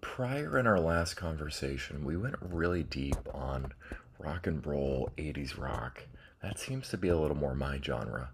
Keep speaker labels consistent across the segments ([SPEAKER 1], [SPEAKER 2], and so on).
[SPEAKER 1] Prior in our last conversation, we went really deep on rock and roll, '80s rock. That seems to be a little more my genre.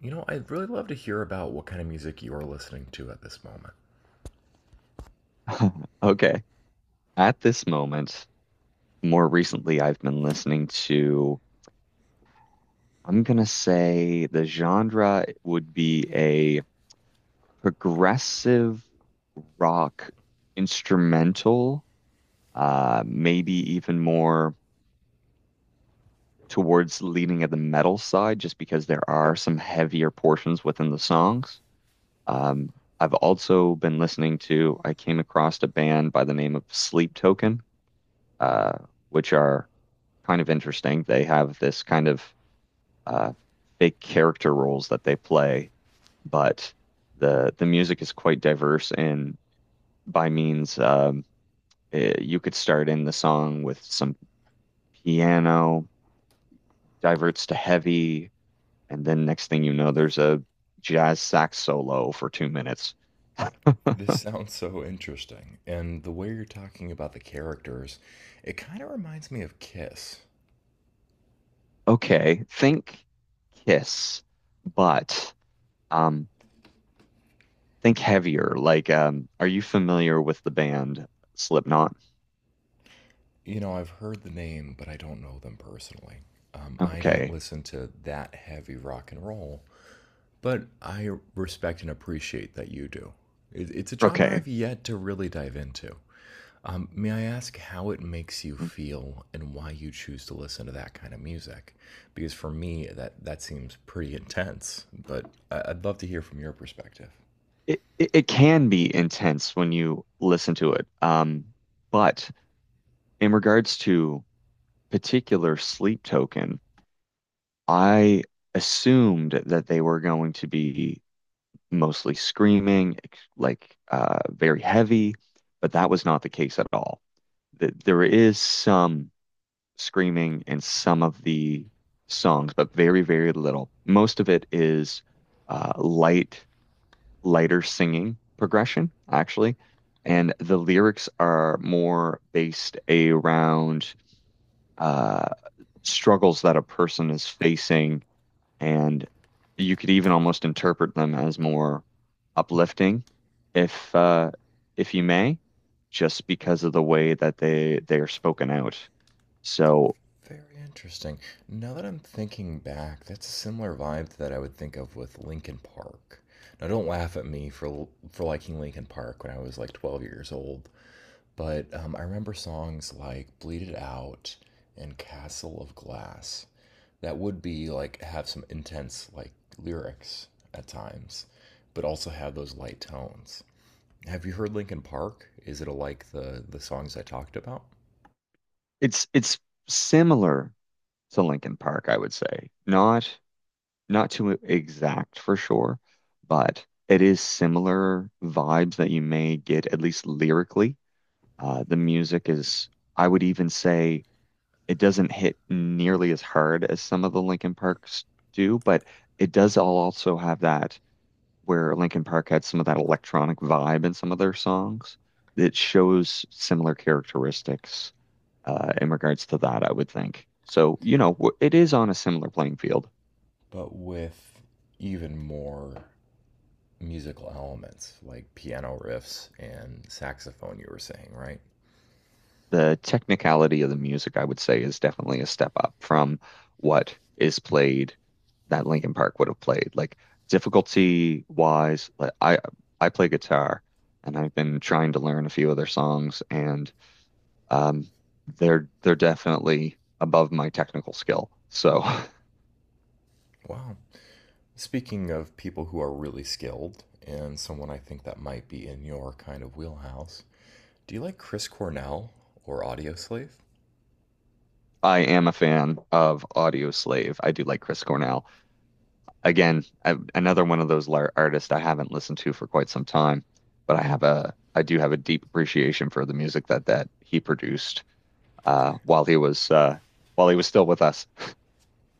[SPEAKER 1] You know, I'd really love to hear about what kind of music you're listening to at this moment.
[SPEAKER 2] Okay. At this moment, more recently, I've been listening to, I'm gonna say the genre would be a progressive rock instrumental, maybe even more towards leaning at the metal side, just because there are some heavier portions within the songs. Um, I've also been listening to, I came across a band by the name of Sleep Token, uh, which are kind of interesting. They have this kind of uh, fake character roles that they play, but the music is quite diverse. And by means, you could start in the song with some piano, diverts to heavy, and then next thing you know, there's a jazz sax solo for 2 minutes.
[SPEAKER 1] This sounds so interesting, and the way you're talking about the characters, it kind of reminds me of Kiss.
[SPEAKER 2] Okay, think Kiss, but um, think heavier. Like, are you familiar with the band Slipknot?
[SPEAKER 1] You know, I've heard the name, but I don't know them personally. I don't
[SPEAKER 2] Okay.
[SPEAKER 1] listen to that heavy rock and roll, but I respect and appreciate that you do. It's a genre
[SPEAKER 2] Okay,
[SPEAKER 1] I've yet to really dive into. May I ask how it makes you
[SPEAKER 2] It,
[SPEAKER 1] feel and why you choose to listen to that kind of music? Because for me, that seems pretty intense, but I'd love to hear from your perspective.
[SPEAKER 2] it can be intense when you listen to it. But in regards to particular Sleep Token, I assumed that they were going to be mostly screaming, very heavy, but that was not the case at all. Th there is some screaming in some of the songs, but very, very little. Most of it is uh, light lighter singing progression, actually. And the lyrics are more based around uh, struggles that a person is facing. And you could even almost interpret them as more uplifting, if uh, if you may, just because of the way that they are spoken out. So
[SPEAKER 1] Very interesting. Now that I'm thinking back, that's a similar vibe that I would think of with Linkin Park. Now, don't laugh at me for liking Linkin Park when I was like 12 years old. But I remember songs like Bleed It Out and Castle of Glass that would be like have some intense like lyrics at times, but also have those light tones. Have you heard Linkin Park? Is it like the songs I talked about,
[SPEAKER 2] it's similar to Linkin Park, I would say. Not too exact for sure, but it is similar vibes that you may get, at least lyrically. The music is, I would even say, it doesn't hit nearly as hard as some of the Linkin Parks do, but it does all also have that, where Linkin Park had some of that electronic vibe in some of their songs. It shows similar characteristics in regards to that, I would think. So, you know, it is on a similar playing field.
[SPEAKER 1] but with even more musical elements like piano riffs and saxophone? You were saying, right?
[SPEAKER 2] The technicality of the music, I would say, is definitely a step up from what is played that Linkin Park would have played. Like difficulty wise, like I play guitar and I've been trying to learn a few of their songs, and um they're definitely above my technical skill. So
[SPEAKER 1] Wow. Speaking of people who are really skilled, and someone I think that might be in your kind of wheelhouse, do you like Chris Cornell or Audioslave?
[SPEAKER 2] I am a fan of Audio Slave. I do like Chris Cornell. Again, another one of those artists I haven't listened to for quite some time, but I do have a deep appreciation for the music that he produced uh, while he was uh, while he was still with us.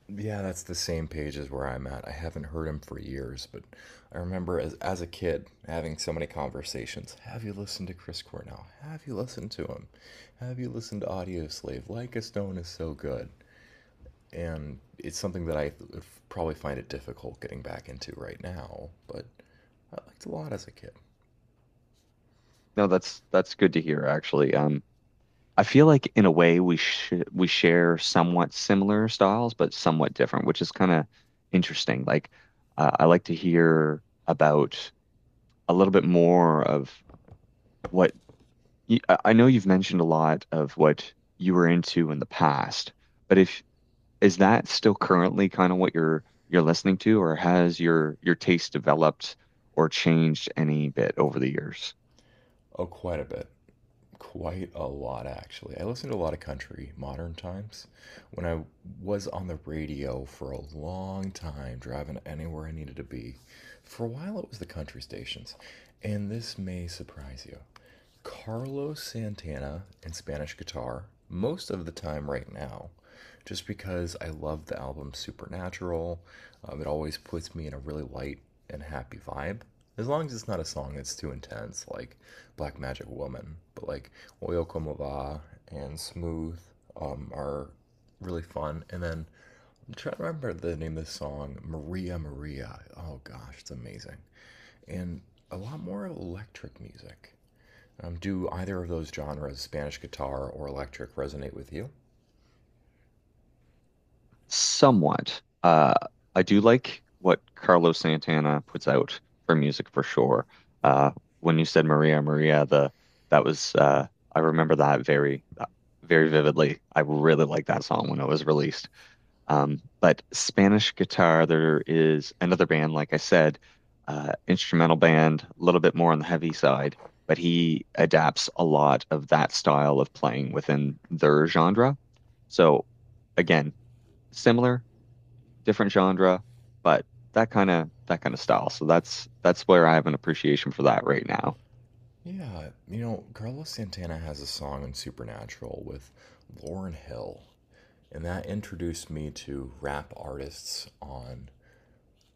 [SPEAKER 1] Yeah, that's the same page as where I'm at. I haven't heard him for years, but I remember as a kid having so many conversations. Have you listened to Chris Cornell? Have you listened to him? Have you listened to Audioslave? Like a Stone is so good. And it's something that would probably find it difficult getting back into right now, but I liked a lot as a kid.
[SPEAKER 2] No, that's good to hear actually. I feel like in a way we share somewhat similar styles, but somewhat different, which is kind of interesting. Like I like to hear about a little bit more of what I know you've mentioned a lot of what you were into in the past, but if is that still currently kind of what you're listening to, or has your taste developed or changed any bit over the years?
[SPEAKER 1] Oh, quite a bit. Quite a lot, actually. I listen to a lot of country modern times. When I was on the radio for a long time, driving anywhere I needed to be, for a while it was the country stations. And this may surprise you. Carlos Santana and Spanish guitar most of the time right now, just because I love the album Supernatural. It always puts me in a really light and happy vibe. As long as it's not a song that's too intense, like Black Magic Woman, but like Oil Como Va and Smooth are really fun. And then I'm trying to remember the name of the song, Maria Maria. Oh gosh, it's amazing. And a lot more electric music. Do either of those genres, Spanish guitar or electric, resonate with you?
[SPEAKER 2] Somewhat. I do like what Carlos Santana puts out for music for sure. Uh, when you said Maria Maria, the that was I remember that very very vividly. I really liked that song when it was released. But Spanish guitar, there is another band, like I said, instrumental band, a little bit more on the heavy side, but he adapts a lot of that style of playing within their genre. So again, similar, different genre, but that kind of style. So that's where I have an appreciation for that right now.
[SPEAKER 1] Yeah, you know, Carlos Santana has a song in Supernatural with Lauren Hill, and that introduced me to rap artists on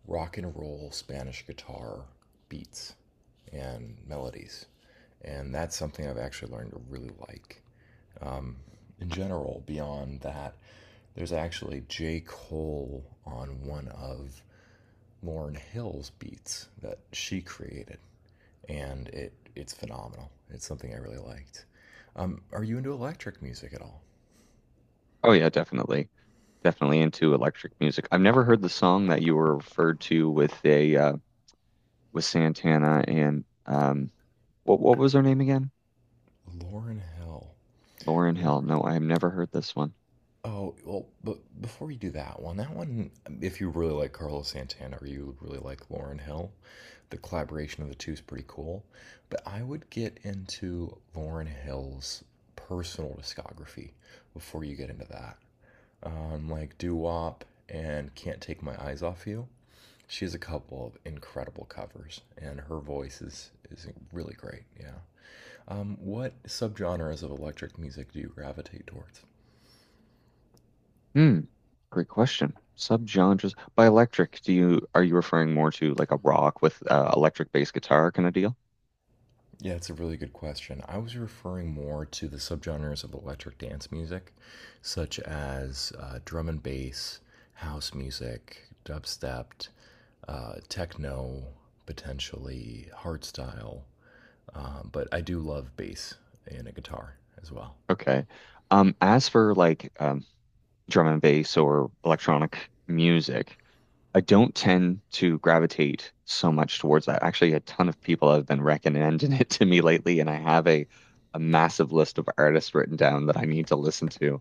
[SPEAKER 1] rock and roll Spanish guitar beats and melodies. And that's something I've actually learned to really like. In general, beyond that, there's actually J. Cole on one of Lauren Hill's beats that she created, and it's phenomenal. It's something I really liked. Are you into electric music at all?
[SPEAKER 2] Oh yeah, definitely. Definitely into electric music. I've never heard the song that you were referred to with a with Santana and what was her name again?
[SPEAKER 1] Lauren Hill.
[SPEAKER 2] Lauren Hill.
[SPEAKER 1] Lauren?
[SPEAKER 2] No, I have never heard this one.
[SPEAKER 1] Oh, well, but before you do that one, if you really like Carlos Santana or you really like Lauren Hill, the collaboration of the two is pretty cool. But I would get into Lauren Hill's personal discography before you get into that. Like Do Wop and Can't Take My Eyes Off You. She has a couple of incredible covers, and her voice is really great. Yeah. What subgenres of electric music do you gravitate towards?
[SPEAKER 2] Hmm. Great question. Subgenres by electric. Do you are you referring more to like a rock with electric bass guitar kind of deal?
[SPEAKER 1] Yeah, it's a really good question. I was referring more to the subgenres of electric dance music, such as drum and bass, house music, dubstep, techno, potentially hardstyle. But I do love bass and a guitar as well.
[SPEAKER 2] Okay. As for like drum and bass or electronic music, I don't tend to gravitate so much towards that. Actually, a ton of people have been recommending it to me lately, and I have a massive list of artists written down that I need to listen to.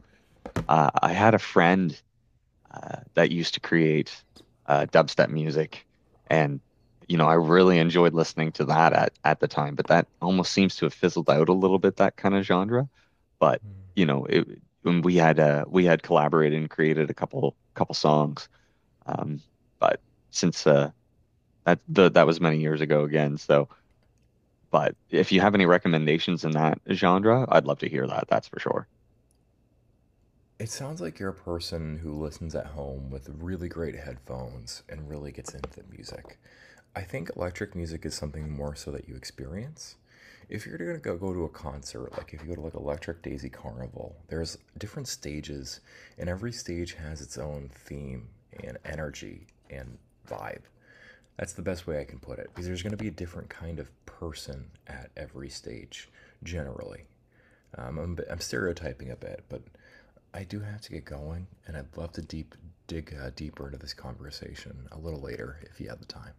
[SPEAKER 2] I had a friend that used to create dubstep music, and you know I really enjoyed listening to that at the time. But that almost seems to have fizzled out a little bit, that kind of genre. But you know it, when we had collaborated and created a couple songs. Um, but since uh, that was many years ago again, so. But if you have any recommendations in that genre, I'd love to hear that. That's for sure.
[SPEAKER 1] It sounds like you're a person who listens at home with really great headphones and really gets into the music. I think electric music is something more so that you experience. If you're gonna go to a concert, like if you go to like Electric Daisy Carnival, there's different stages, and every stage has its own theme and energy and vibe. That's the best way I can put it, because there's gonna be a different kind of person at every stage, generally. I'm stereotyping a bit, but I do have to get going, and I'd love to deeper into this conversation a little later if you have the time.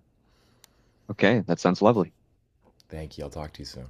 [SPEAKER 2] Okay, that sounds lovely.
[SPEAKER 1] Thank you. I'll talk to you soon.